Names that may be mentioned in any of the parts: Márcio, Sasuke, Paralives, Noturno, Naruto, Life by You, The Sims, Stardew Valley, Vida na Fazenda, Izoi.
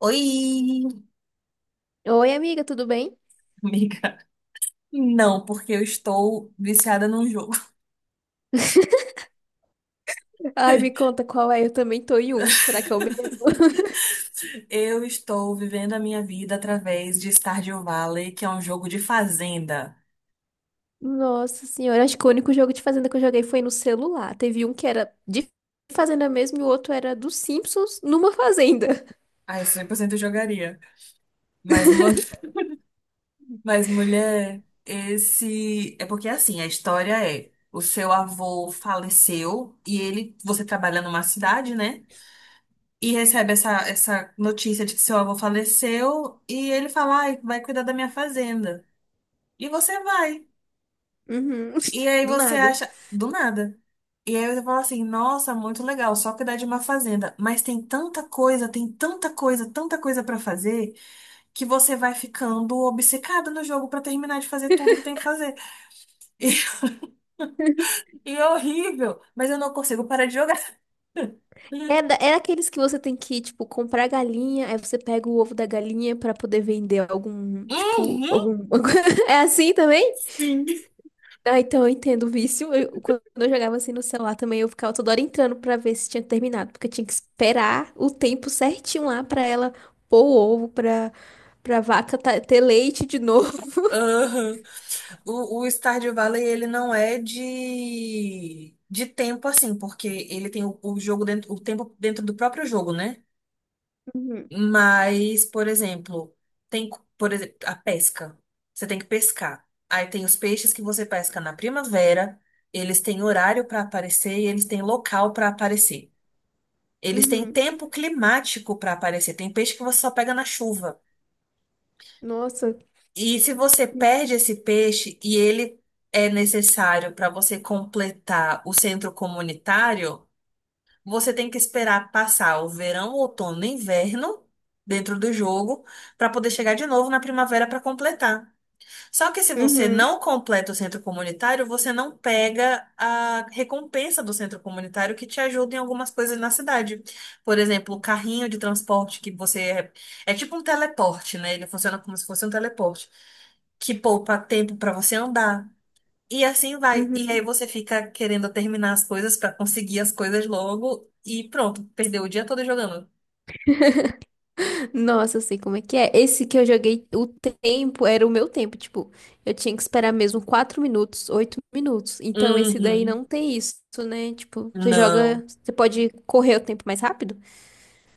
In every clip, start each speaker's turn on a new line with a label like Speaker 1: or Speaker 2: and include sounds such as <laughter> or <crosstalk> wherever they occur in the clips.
Speaker 1: Oi,
Speaker 2: Oi, amiga, tudo bem?
Speaker 1: amiga. Não, porque eu estou viciada num jogo.
Speaker 2: <laughs> Ai, me
Speaker 1: <laughs>
Speaker 2: conta qual é. Eu também tô em um. Será que é o mesmo? <laughs>
Speaker 1: Eu estou vivendo a minha vida através de Stardew Valley, que é um jogo de fazenda.
Speaker 2: Nossa senhora, acho que o único jogo de fazenda que eu joguei foi no celular. Teve um que era de fazenda mesmo e o outro era dos Simpsons numa fazenda. <laughs>
Speaker 1: Ah, eu 100% jogaria. Mas, mu- <laughs> mas, mulher, esse. É porque assim, a história é: o seu avô faleceu e ele. Você trabalha numa cidade, né? E recebe essa notícia de que seu avô faleceu e ele fala, ai, vai cuidar da minha fazenda. E você vai.
Speaker 2: Uhum.
Speaker 1: E
Speaker 2: <laughs>
Speaker 1: aí
Speaker 2: Do
Speaker 1: você
Speaker 2: nada.
Speaker 1: acha, do nada. E aí você fala assim, nossa, muito legal, só cuidar de uma fazenda. Mas tem tanta coisa pra fazer, que você vai ficando obcecado no jogo pra terminar de fazer tudo que tem que fazer. <laughs> E é horrível, mas eu não consigo parar de jogar. <laughs>
Speaker 2: É, aqueles que você tem que, tipo, comprar galinha, aí você pega o ovo da galinha pra poder vender algum, tipo,
Speaker 1: Uhum,
Speaker 2: algum. <laughs> É assim também?
Speaker 1: sim.
Speaker 2: Ah, então eu entendo o vício. Quando eu jogava assim no celular também, eu ficava toda hora entrando pra ver se tinha terminado, porque eu tinha que esperar o tempo certinho lá pra ela pôr o ovo, pra, pra vaca ter leite de <laughs> novo.
Speaker 1: Aham. O Stardew Valley, ele não é de tempo assim, porque ele tem o jogo dentro, o tempo dentro do próprio jogo, né?
Speaker 2: Uhum,
Speaker 1: Mas, por exemplo, por exemplo, a pesca. Você tem que pescar. Aí tem os peixes que você pesca na primavera, eles têm horário para aparecer e eles têm local para aparecer. Eles têm
Speaker 2: uhum.
Speaker 1: tempo climático para aparecer. Tem peixe que você só pega na chuva.
Speaker 2: Nossa.
Speaker 1: E se você perde esse peixe e ele é necessário para você completar o centro comunitário, você tem que esperar passar o verão, outono e inverno dentro do jogo para poder chegar de novo na primavera para completar. Só que se você
Speaker 2: Uhum,
Speaker 1: não completa o centro comunitário, você não pega a recompensa do centro comunitário que te ajuda em algumas coisas na cidade. Por exemplo, o carrinho de transporte que você é, é tipo um teleporte, né? Ele funciona como se fosse um teleporte, que poupa tempo para você andar. E assim vai. E aí
Speaker 2: uhum.
Speaker 1: você fica querendo terminar as coisas pra conseguir as coisas logo e pronto, perdeu o dia todo jogando.
Speaker 2: Nossa, eu sei como é que é. Esse que eu joguei, o tempo era o meu tempo. Tipo, eu tinha que esperar mesmo 4 minutos, 8 minutos. Então, esse daí
Speaker 1: Uhum.
Speaker 2: não tem isso, né? Tipo, você
Speaker 1: Não.
Speaker 2: joga, você pode correr o tempo mais rápido.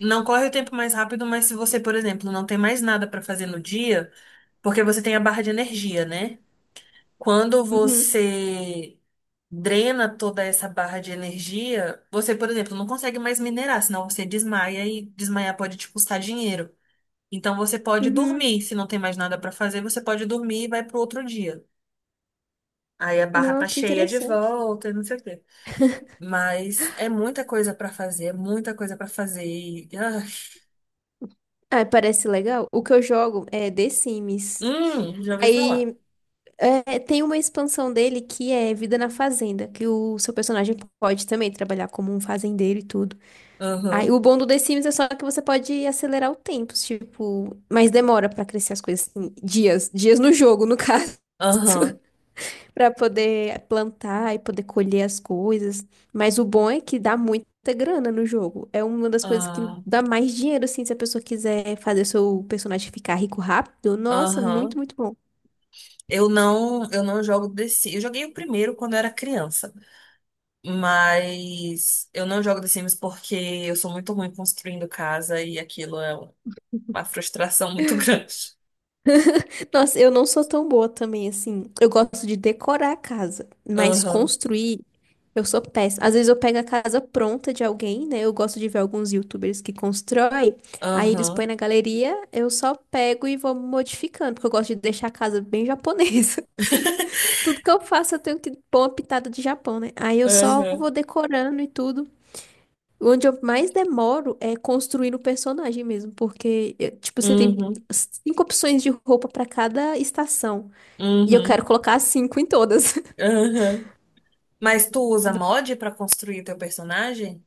Speaker 1: Não corre o tempo mais rápido, mas se você, por exemplo, não tem mais nada pra fazer no dia, porque você tem a barra de energia, né? Quando
Speaker 2: Uhum.
Speaker 1: você drena toda essa barra de energia, você, por exemplo, não consegue mais minerar, senão você desmaia e desmaiar pode te custar dinheiro. Então você pode
Speaker 2: Uhum.
Speaker 1: dormir, se não tem mais nada pra fazer, você pode dormir e vai pro outro dia. Aí a barra
Speaker 2: Não,
Speaker 1: tá
Speaker 2: que
Speaker 1: cheia de
Speaker 2: interessante.
Speaker 1: volta e não sei o quê. Mas é muita coisa pra fazer, muita coisa pra fazer.
Speaker 2: Ah, parece legal. O que eu jogo é The Sims.
Speaker 1: Já ouvi falar.
Speaker 2: Aí é, tem uma expansão dele que é Vida na Fazenda, que o seu personagem pode também trabalhar como um fazendeiro e tudo. Aí
Speaker 1: Aham,
Speaker 2: o bom do The Sims é só que você pode acelerar o tempo, tipo, mas demora pra crescer as coisas, assim, dias, dias no jogo, no <laughs> caso.
Speaker 1: aham,
Speaker 2: Para poder plantar e poder colher as coisas. Mas o bom é que dá muita grana no jogo. É uma das coisas que
Speaker 1: ah,
Speaker 2: dá mais dinheiro, assim, se a pessoa quiser fazer seu personagem ficar rico rápido. Nossa, muito,
Speaker 1: aham.
Speaker 2: muito bom.
Speaker 1: Eu não jogo The Sims. Eu joguei o primeiro quando eu era criança, mas eu não jogo The Sims porque eu sou muito ruim construindo casa e aquilo é uma frustração muito <laughs> grande.
Speaker 2: Nossa, eu não sou tão boa também, assim. Eu gosto de decorar a casa, mas
Speaker 1: Aham,
Speaker 2: construir. Eu sou péssima. Às vezes eu pego a casa pronta de alguém, né? Eu gosto de ver alguns YouTubers que constroem. Aí eles põem
Speaker 1: aham,
Speaker 2: na galeria, eu só pego e vou modificando, porque eu gosto de deixar a casa bem <laughs> japonesa.
Speaker 1: <laughs>
Speaker 2: Tudo que eu faço eu tenho que pôr uma pitada de Japão, né? Aí eu só
Speaker 1: aham,
Speaker 2: vou decorando e tudo. Onde eu mais demoro é construindo o personagem mesmo, porque, tipo, você tem
Speaker 1: uhum,
Speaker 2: cinco opções de roupa pra cada estação. E eu quero
Speaker 1: uhum,
Speaker 2: colocar cinco em todas. <laughs>
Speaker 1: aham. Mas tu usa mod pra construir teu personagem?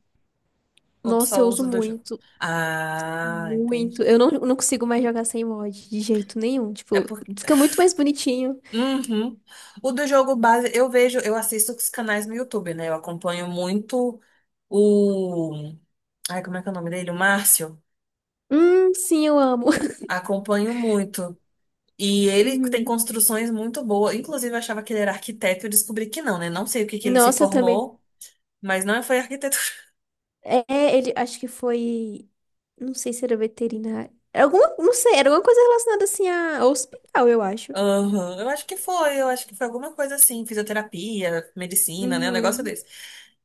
Speaker 1: Ou tu
Speaker 2: Nossa, eu
Speaker 1: só
Speaker 2: uso
Speaker 1: usa do jogo?
Speaker 2: muito,
Speaker 1: Ah,
Speaker 2: muito.
Speaker 1: entendi.
Speaker 2: Eu não, não consigo mais jogar sem mod, de jeito nenhum.
Speaker 1: É
Speaker 2: Tipo,
Speaker 1: porque.
Speaker 2: fica muito mais bonitinho.
Speaker 1: Uhum. O do jogo base, eu vejo, eu assisto os canais no YouTube, né? Eu acompanho muito o. Ai, como é que é o nome dele? O Márcio.
Speaker 2: Sim, eu amo. <laughs>
Speaker 1: Acompanho muito. E ele tem
Speaker 2: Uhum.
Speaker 1: construções muito boas. Inclusive, eu achava que ele era arquiteto e descobri que não, né? Não sei o que que ele se
Speaker 2: Nossa, eu também.
Speaker 1: formou, mas não foi arquitetura.
Speaker 2: É, ele acho que foi. Não sei se era veterinário. Era alguma, não sei, era alguma coisa relacionada assim a ao hospital, eu
Speaker 1: <laughs>
Speaker 2: acho.
Speaker 1: Aham, eu acho que foi alguma coisa assim, fisioterapia, medicina, né? Um negócio.
Speaker 2: Uhum,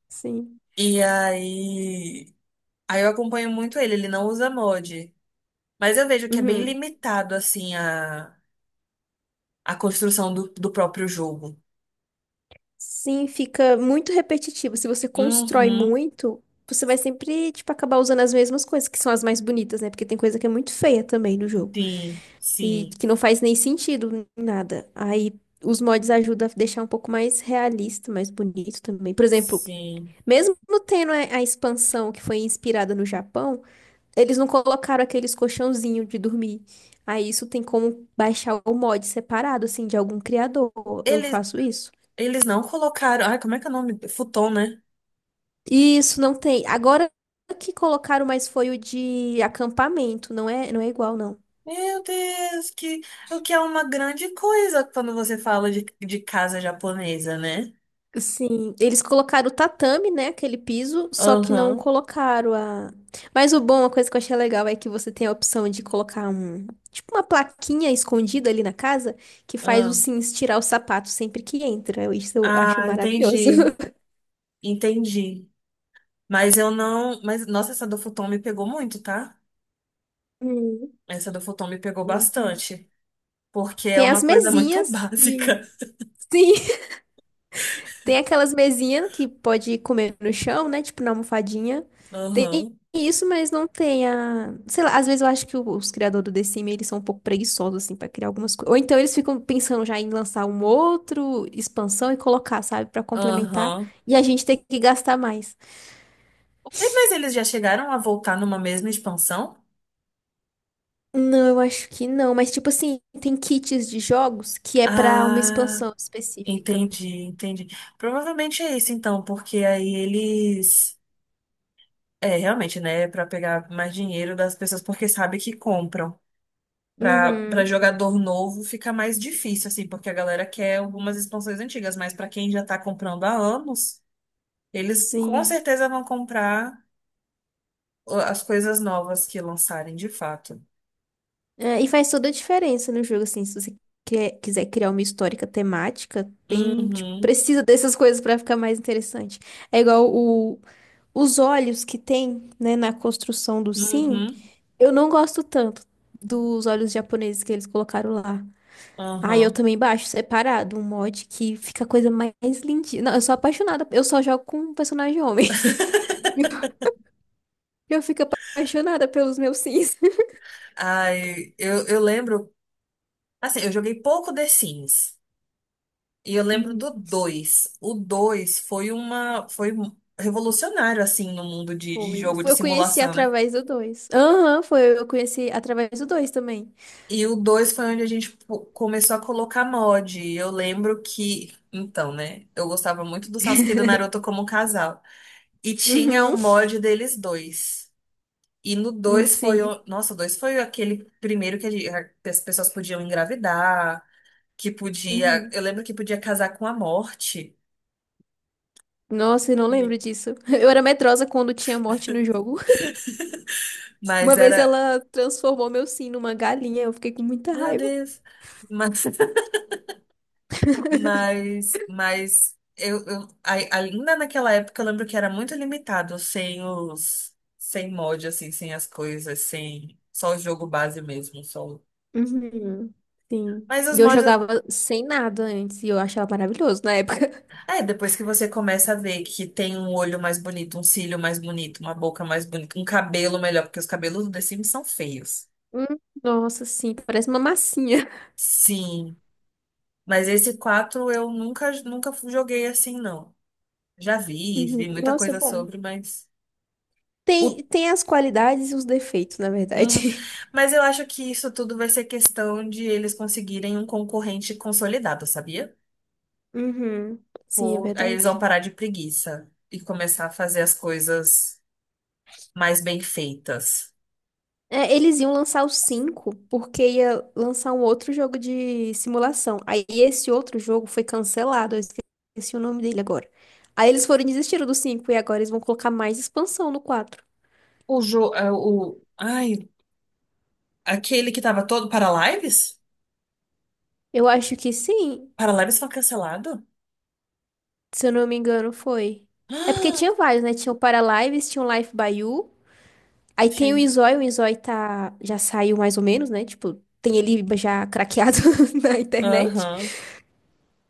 Speaker 2: sim.
Speaker 1: E aí, eu acompanho muito ele, ele não usa mod. Mas eu vejo que é bem
Speaker 2: Uhum.
Speaker 1: limitado, assim, a construção do próprio jogo.
Speaker 2: Sim, fica muito repetitivo. Se você constrói
Speaker 1: Uhum,
Speaker 2: muito, você vai sempre, tipo, acabar usando as mesmas coisas, que são as mais bonitas, né? Porque tem coisa que é muito feia também no jogo.
Speaker 1: sim,
Speaker 2: E
Speaker 1: sim,
Speaker 2: que não faz nem sentido em nada. Aí os mods ajudam a deixar um pouco mais realista, mais bonito também. Por exemplo,
Speaker 1: sim.
Speaker 2: mesmo tendo a expansão que foi inspirada no Japão. Eles não colocaram aqueles colchãozinhos de dormir. Aí isso tem como baixar o mod separado, assim, de algum criador. Eu
Speaker 1: Eles,
Speaker 2: faço isso.
Speaker 1: eles não colocaram. Ai, como é que é o nome? Futon, né?
Speaker 2: E isso não tem. Agora que colocaram, mas foi o de acampamento. Não é, não é igual, não.
Speaker 1: Meu Deus, que, o que é uma grande coisa quando você fala de casa japonesa, né?
Speaker 2: Sim, eles colocaram o tatame, né? Aquele piso, só que não
Speaker 1: Aham,
Speaker 2: colocaram a. Mas o bom, uma coisa que eu achei legal é que você tem a opção de colocar um. Tipo uma plaquinha escondida ali na casa que faz o
Speaker 1: aham.
Speaker 2: Sims tirar o sapato sempre que entra. Isso eu acho
Speaker 1: Ah,
Speaker 2: maravilhoso.
Speaker 1: entendi,
Speaker 2: <laughs>
Speaker 1: entendi. Mas eu não. Mas, nossa, essa do futon me pegou muito, tá?
Speaker 2: Hum,
Speaker 1: Essa do futon me pegou
Speaker 2: não tem.
Speaker 1: bastante, porque é
Speaker 2: Tem
Speaker 1: uma
Speaker 2: as
Speaker 1: coisa muito <laughs>
Speaker 2: mesinhas de.
Speaker 1: básica.
Speaker 2: Sim. <laughs> Tem aquelas mesinhas que pode comer no chão, né? Tipo na almofadinha. Tem
Speaker 1: Aham,
Speaker 2: isso, mas não tem a. Sei lá, às vezes eu acho que os criadores do The Sims, eles são um pouco preguiçosos, assim, pra criar algumas coisas. Ou então eles ficam pensando já em lançar um outro expansão e colocar, sabe? Pra complementar.
Speaker 1: aham.
Speaker 2: E a gente tem que gastar mais.
Speaker 1: Ué, mas eles já chegaram a voltar numa mesma expansão?
Speaker 2: Não, eu acho que não. Mas, tipo assim, tem kits de jogos que é pra uma
Speaker 1: Ah,
Speaker 2: expansão específica.
Speaker 1: entendi, entendi. Provavelmente é isso então, porque aí eles. É, realmente, né? Pra pegar mais dinheiro das pessoas, porque sabe que compram. Pra
Speaker 2: Uhum.
Speaker 1: jogador novo fica mais difícil, assim, porque a galera quer algumas expansões antigas, mas pra quem já tá comprando há anos, eles com
Speaker 2: Sim.
Speaker 1: certeza vão comprar as coisas novas que lançarem de fato.
Speaker 2: É, e faz toda a diferença no jogo, assim, se você quiser criar uma histórica temática, tem, tipo,
Speaker 1: Uhum,
Speaker 2: precisa dessas coisas pra ficar mais interessante. É igual o, os olhos que tem, né, na construção do Sim,
Speaker 1: uhum,
Speaker 2: eu não gosto tanto dos olhos japoneses que eles colocaram lá. Ah, eu
Speaker 1: uhum.
Speaker 2: também baixo separado, um mod que fica a coisa mais lindinha. Não, eu sou apaixonada, eu só jogo com personagem homem. <laughs> Eu fico apaixonada pelos meus Sims.
Speaker 1: Ai, eu lembro, assim, eu joguei pouco The Sims, e eu lembro do
Speaker 2: <laughs>
Speaker 1: 2. O 2 foi uma, revolucionário, assim, no mundo de
Speaker 2: Foi.
Speaker 1: jogo de
Speaker 2: Eu conheci
Speaker 1: simulação, né?
Speaker 2: através do 2. Aham, foi. Eu conheci através do dois também.
Speaker 1: E o 2 foi onde a gente começou a colocar mod, e eu lembro que, então, né, eu gostava muito do Sasuke e do Naruto como casal, e tinha o
Speaker 2: Uhum.
Speaker 1: mod deles dois. E no dois foi.
Speaker 2: Sim.
Speaker 1: O- Nossa, o 2 foi aquele primeiro que que as pessoas podiam engravidar, que podia.
Speaker 2: Uhum.
Speaker 1: Eu lembro que podia casar com a morte,
Speaker 2: Nossa, eu não
Speaker 1: e-
Speaker 2: lembro disso. <laughs> Eu era medrosa quando tinha morte no jogo. <laughs> Uma
Speaker 1: mas
Speaker 2: vez
Speaker 1: era.
Speaker 2: ela transformou meu Sim numa galinha. Eu fiquei com muita
Speaker 1: Meu
Speaker 2: raiva.
Speaker 1: Deus! Mas, <laughs> ainda naquela época eu lembro que era muito limitado, sem os. Sem mod, assim, sem as coisas, sem. Só o jogo base mesmo, só.
Speaker 2: Uhum. Sim.
Speaker 1: Mas os
Speaker 2: E eu
Speaker 1: mods.
Speaker 2: jogava sem nada antes e eu achava maravilhoso na época. <laughs>
Speaker 1: É, depois que você começa a ver que tem um olho mais bonito, um cílio mais bonito, uma boca mais bonita, um cabelo melhor, porque os cabelos do The Sims são feios.
Speaker 2: Hum, nossa, sim, parece uma massinha.
Speaker 1: Sim, mas esse 4 eu nunca joguei assim, não. Já vi,
Speaker 2: Uhum.
Speaker 1: vi muita
Speaker 2: Nossa,
Speaker 1: coisa
Speaker 2: bom.
Speaker 1: sobre, mas. o-
Speaker 2: Tem, tem as qualidades e os defeitos, na
Speaker 1: Uhum.
Speaker 2: verdade. <laughs>
Speaker 1: Mas eu acho que isso tudo vai ser questão de eles conseguirem um concorrente consolidado, sabia?
Speaker 2: Uhum. Sim, é
Speaker 1: Ou aí eles
Speaker 2: verdade.
Speaker 1: vão parar de preguiça e começar a fazer as coisas mais bem feitas.
Speaker 2: É, eles iam lançar o 5 porque ia lançar um outro jogo de simulação. Aí esse outro jogo foi cancelado, eu esqueci o nome dele agora. Aí eles foram e desistiram do 5 e agora eles vão colocar mais expansão no 4.
Speaker 1: O jogo. O, ai. Aquele que tava todo para lives?
Speaker 2: Eu acho que sim,
Speaker 1: Para lives foi cancelado?
Speaker 2: se eu não me engano, foi. É porque
Speaker 1: Ah,
Speaker 2: tinha vários, né? Tinha o Paralives, tinha o Life by You. Aí tem
Speaker 1: gente.
Speaker 2: O Izoi tá... já saiu mais ou menos, né? Tipo, tem ele já craqueado <laughs> na internet.
Speaker 1: Aham.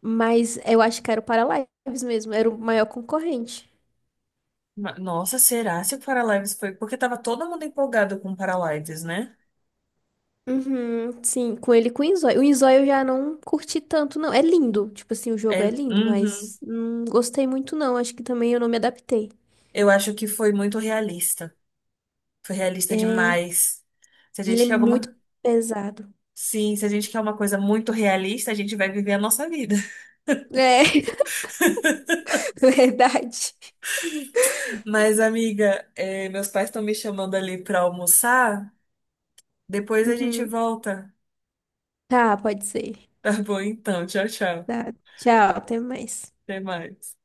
Speaker 2: Mas eu acho que era o Paralives mesmo, era o maior concorrente.
Speaker 1: Nossa, será se o para lives foi? Porque tava todo mundo empolgado com o para lives, né?
Speaker 2: Uhum, sim, com ele e com o Inzói. O Inzói eu já não curti tanto, não. É lindo, tipo assim, o
Speaker 1: É,
Speaker 2: jogo é lindo,
Speaker 1: uhum.
Speaker 2: mas não gostei muito, não. Acho que também eu não me adaptei.
Speaker 1: Eu acho que foi muito realista. Foi realista
Speaker 2: É,
Speaker 1: demais. Se a
Speaker 2: e ele é
Speaker 1: gente quer
Speaker 2: muito
Speaker 1: alguma.
Speaker 2: pesado.
Speaker 1: Sim, se a gente quer uma coisa muito realista, a gente vai viver a nossa vida.
Speaker 2: É, <laughs> verdade.
Speaker 1: <laughs> Mas, amiga, meus pais estão me chamando ali pra almoçar. Depois a gente
Speaker 2: Uhum.
Speaker 1: volta.
Speaker 2: Tá, pode ser.
Speaker 1: Tá bom, então. Tchau, tchau.
Speaker 2: Tá, tchau, até mais.
Speaker 1: Até mais.